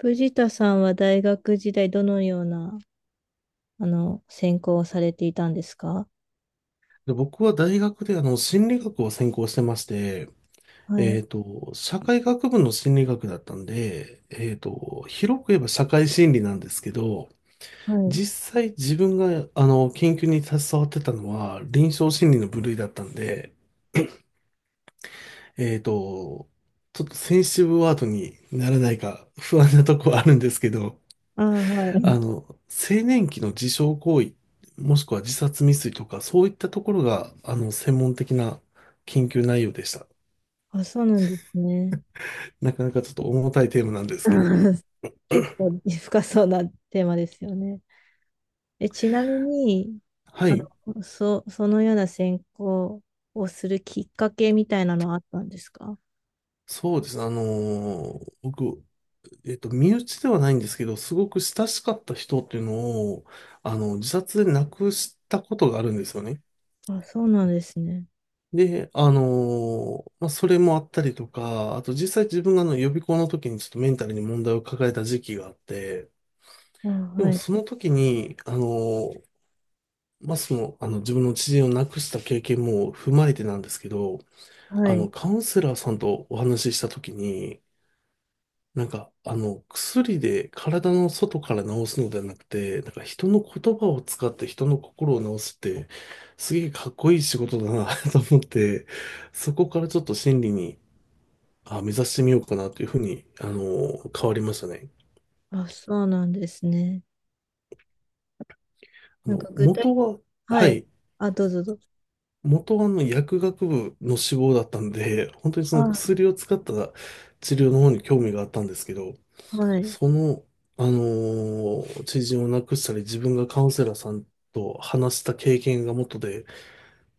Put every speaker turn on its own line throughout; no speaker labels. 藤田さんは大学時代どのような、専攻をされていたんですか？
で、僕は大学で心理学を専攻してまして、
はい。
社会学部の心理学だったんで、広く言えば社会心理なんですけど、
はい。
実際自分が研究に携わってたのは臨床心理の部類だったんで、えっと、ちょっとセンシティブワードにならないか不安なとこはあるんですけど、
ああ、はい。
青年期の自傷行為、もしくは自殺未遂とか、そういったところが、専門的な研究内容でした。
あ、そうなんですね。
なかなかちょっと重たいテーマなんですけど。
うん。 結構深そうなテーマですよね。え、ちなみに、
は
あ
い。
そのような専攻をするきっかけみたいなのはあったんですか？
そうです。僕、身内ではないんですけど、すごく親しかった人っていうのを、自殺で亡くしたことがあるんですよね。
あ、そうなんですね。
で、まあ、それもあったりとか、あと実際自分が予備校の時にちょっとメンタルに問題を抱えた時期があって、
あ、
で
は
も
い。
その時に、まあ、自分の知人を亡くした経験も踏まえてなんですけど、
はい。
カウンセラーさんとお話しした時に、なんか、薬で体の外から治すのではなくて、なんか人の言葉を使って人の心を治すって、すげえかっこいい仕事だな と思って、そこからちょっと心理に、あ、目指してみようかなというふうに、変わりましたね。
あ、そうなんですね。
あ
なんか
の、
具体、
元は、
は
は
い。
い。
あ、どうぞどうぞ。
元は薬学部の志望だったんで、本当にその
あ、
薬を使った治療の方に興味があったんですけど、
はい。
その、あの知人を亡くしたり、自分がカウンセラーさんと話した経験が元で、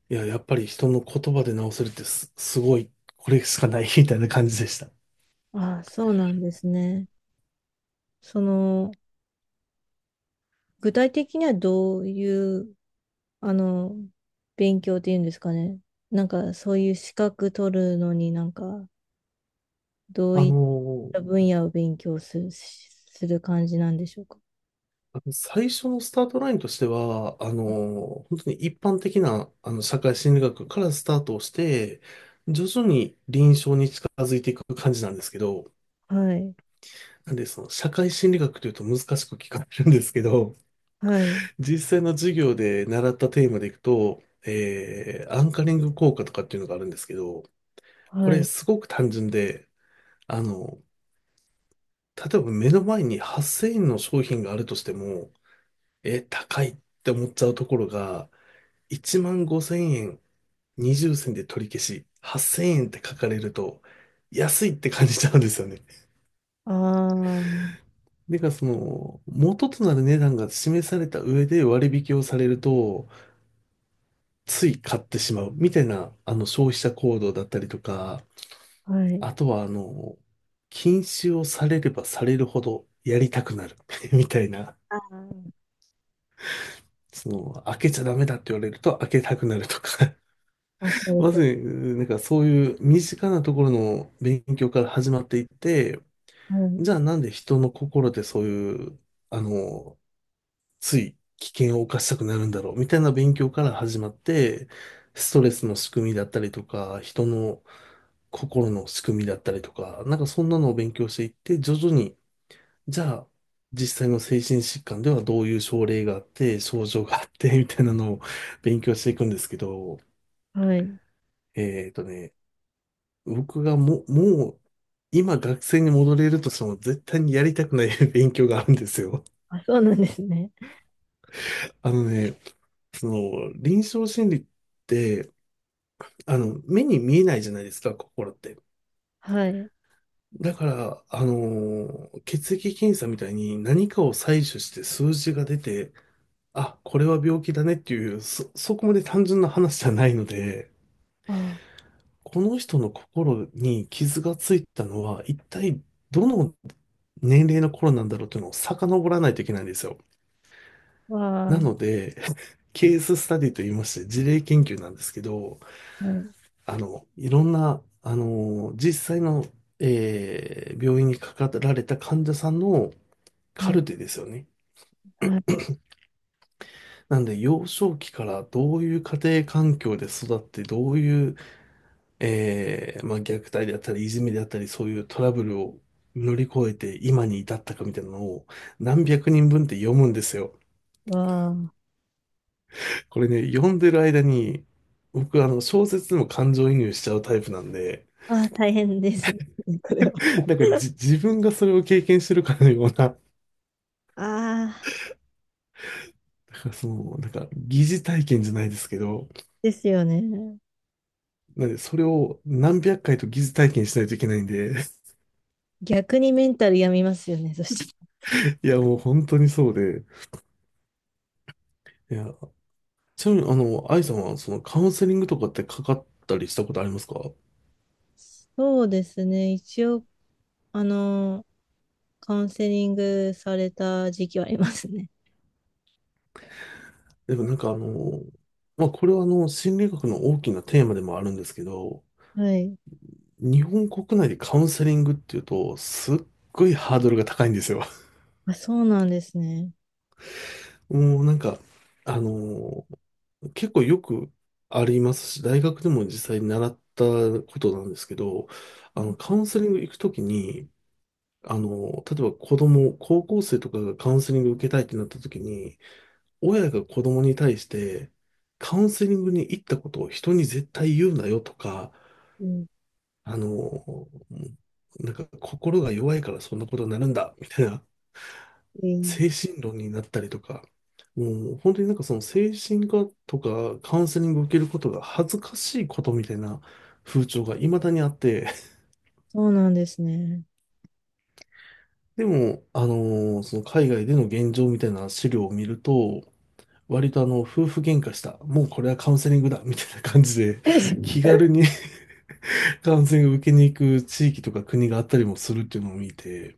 いや、やっぱり人の言葉で直せるってすごい、これしかない みたいな感じでした。
ああ、そうなんですね。その、具体的にはどういう、あの、勉強っていうんですかね。なんか、そういう資格取るのになんか、どう
あ
いっ
の
た
ー
分野を勉強する感じなんでしょうか。
あの最初のスタートラインとしては、本当に一般的な、社会心理学からスタートをして、徐々に臨床に近づいていく感じなんですけど、
はい、
なんで、その、社会心理学というと難しく聞かれるんですけど、
はい、
実際の授業で習ったテーマでいくと、アンカリング効果とかっていうのがあるんですけど、こ
は
れ
い。
すごく単純で、あの、例えば目の前に8000円の商品があるとしても、高いって思っちゃうところが、1万5千円、20銭で取り消し、8千円って書かれると、安いって感じちゃうんですよね。
ああ、
その、元となる値段が示された上で割引をされると、つい買ってしまうみたいな、消費者行動だったりとか、
はい。
あとは、禁止をされればされるほどやりたくなる みたいな、
ああ、
その、開けちゃダメだって言われると開けたくなるとか、
忘れ
ま
て。
ず、なんかそういう身近なところの勉強から始まっていって、
はい、
じゃあなんで人の心でそういう、あの、つい危険を冒したくなるんだろうみたいな勉強から始まって、ストレスの仕組みだったりとか、人の心の仕組みだったりとか、なんかそんなのを勉強していって、徐々に、じゃあ実際の精神疾患ではどういう症例があって、症状があって、みたいなのを勉強していくんですけど、
はい。
えっとね、僕がもう今学生に戻れるとしても絶対にやりたくない 勉強があるんですよ。
あ、そうなんですね。
あのね、その、臨床心理って、目に見えないじゃないですか、心って。
はい。
だから、血液検査みたいに何かを採取して数字が出て、あ、これは病気だねっていう、そこまで単純な話じゃないので、
あ
この人の心に傷がついたのは、一体どの年齢の頃なんだろうというのを遡らないといけないんですよ。
あ、わ
な
あ、
ので、ケーススタディと言いまして、事例研究なんですけど、
はい、
いろんな、実際の、病院にかかられた患者さんの
は
カ
い、
ルテですよね。
はい、
なんで、幼少期からどういう家庭環境で育って、どういえー、まあ、虐待であったり、いじめであったり、そういうトラブルを乗り越えて今に至ったかみたいなのを何百人分って読むんですよ。
わあ。
これね、読んでる間に、僕、小説にも感情移入しちゃうタイプなんで、
ああ、大変ですね。これは。
なんかじ、自分がそれを経験してるかのような、だか
ああ、
らその、なんか、疑似体験じゃないですけど、
ですよね。
なんで、それを何百回と疑似体験しないといけないんで、
逆にメンタル病みますよね。そして。
いや、もう本当にそうで、いや、ちなみに、愛さんは、その、カウンセリングとかってかかったりしたことありますか？
そうですね。一応、あの、カウンセリングされた時期はありますね。
でもなんかまあ、これは心理学の大きなテーマでもあるんですけど、
はい。
日本国内でカウンセリングっていうと、すっごいハードルが高いんですよ。
あ、そうなんですね。
もうなんか、あの、結構よくありますし、大学でも実際に習ったことなんですけど、
うん
カウンセリング行くときに、例えば子供、高校生とかがカウンセリング受けたいってなったときに、親が子供に対してカウンセリングに行ったことを人に絶対言うなよとか、あの、なんか心が弱いからそんなことになるんだみたいな
うん、
精神論になったりとか、もう本当になんかその精神科とかカウンセリングを受けることが恥ずかしいことみたいな風潮が未だにあって、
そうなんですね。
でも、その海外での現状みたいな資料を見ると、割と夫婦喧嘩した、もうこれはカウンセリングだみたいな感じで 気軽に 感染を受けに行く地域とか国があったりもするっていうのを見て、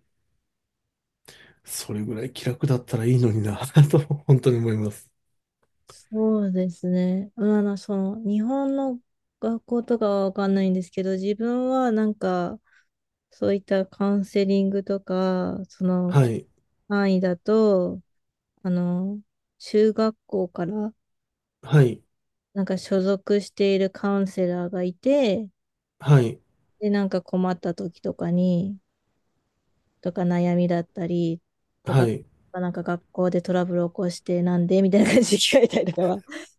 それぐらい気楽だったらいいのにな と本当に思います。
そうですね。まあ、その、日本の学校とかはわかんないんですけど、自分はなんか、そういったカウンセリングとか、その
はい、
範囲だと、あの、中学校から
はい、
なんか所属しているカウンセラーがいて、
はい、
で、なんか困った時とかに、とか悩みだったりと
は
か、
い。
なんか学校でトラブル起こしてなんでみたいな感じで聞かれたりとかは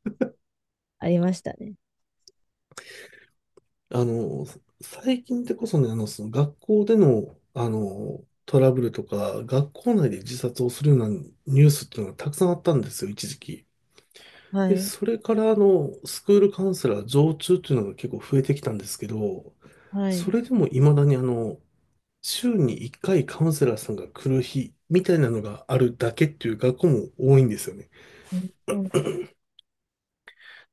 ありましたね。
あの、最近ってこそね、その学校での、トラブルとか、学校内で自殺をするようなニュースっていうのがたくさんあったんですよ、一時期。
は
で、
い。
それからスクールカウンセラー常駐っていうのが結構増えてきたんですけど、
は
そ
い。
れでも未だに週に1回カウンセラーさんが来る日みたいなのがあるだけっていう学校も多いんですよね。
うん、そう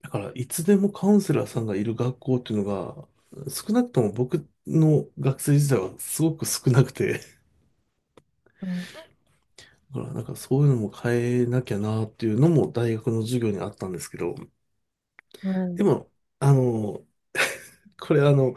だからいつでもカウンセラーさんがいる学校っていうのが少なくとも僕の学生時代はすごく少なくて、
か。
だからなんかそういうのも変えなきゃなっていうのも大学の授業にあったんですけど、
は
で
い。
も、あの、これ、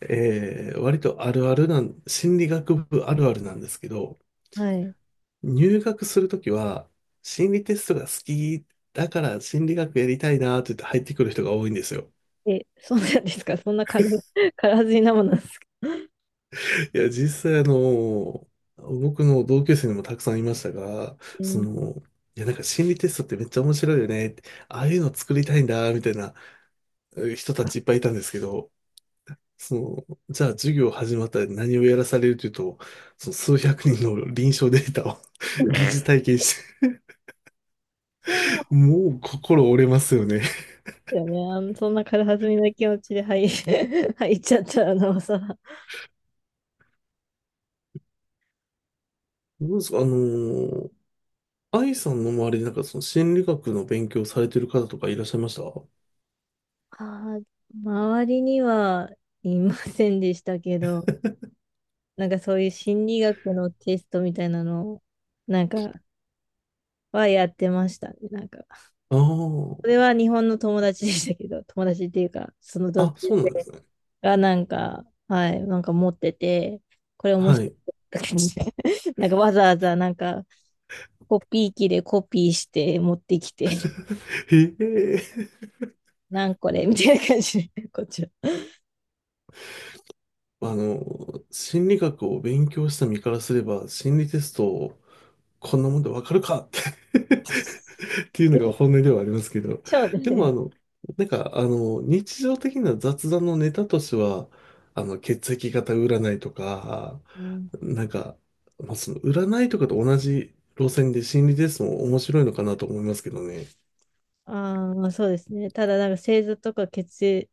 えー割とあるあるなん、心理学部あるあるなんですけど、
はい。
入学するときは、心理テストが好きだから心理学やりたいなーって言って入ってくる人が多いんですよ。
え、そうなんですか？そんな軽はずみなものなんですか？
いや、実際僕の同級生にもたくさんいましたが、
う
そ
ん、
の、いや、なんか心理テストってめっちゃ面白いよねって、ああいうの作りたいんだ、みたいな人たちいっぱいいたんですけど、その、じゃあ授業始まったら何をやらされるというと、その数百人の臨床データを 疑似体験して、
いや、
もう心折れますよね。
よね。そんな軽はずみな気持ちで入っちゃったらなおさら。
どうですか、愛さんの周りでなんかその心理学の勉強されてる方とかいらっしゃいましたあ？
あー、周りにはいませんでしたけど、なんかそういう心理学のテストみたいなのを、なんか、はやってましたね。なんか、
あー。
それは日本の友達でしたけど、友達っていうか、その同級
あ、そうなんで
生
すね。
がなんか、はい、なんか持ってて、これ面
は
白い。
い。
なんかわざわざなんか、コピー機でコピーして持ってきて
へえ。
なんこれ、 みたいな感じで、こっちは。
あの、心理学を勉強した身からすれば、心理テストをこんなもんでわかるかって っていうのが 本音ではありますけど。
そう
でも
ね。
なんか日常的な雑談のネタとしては、血液型占いとか、
うん。
なんか、まあ、その占いとかと同じ路線で心理テストも面白いのかなと思いますけどね。
ああ、そうですね。ただ、なんか星座とか血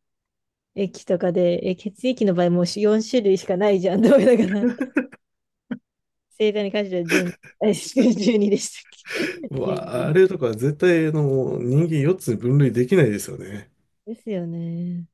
液とかで、え、血液の場合もう4種類しかないじゃん。どうだから、星座に関しては12、あ12 でしたっけ？
う
じゅう
わあ、
に
れとか絶対あの人間4つに分類できないですよね。
ですよね。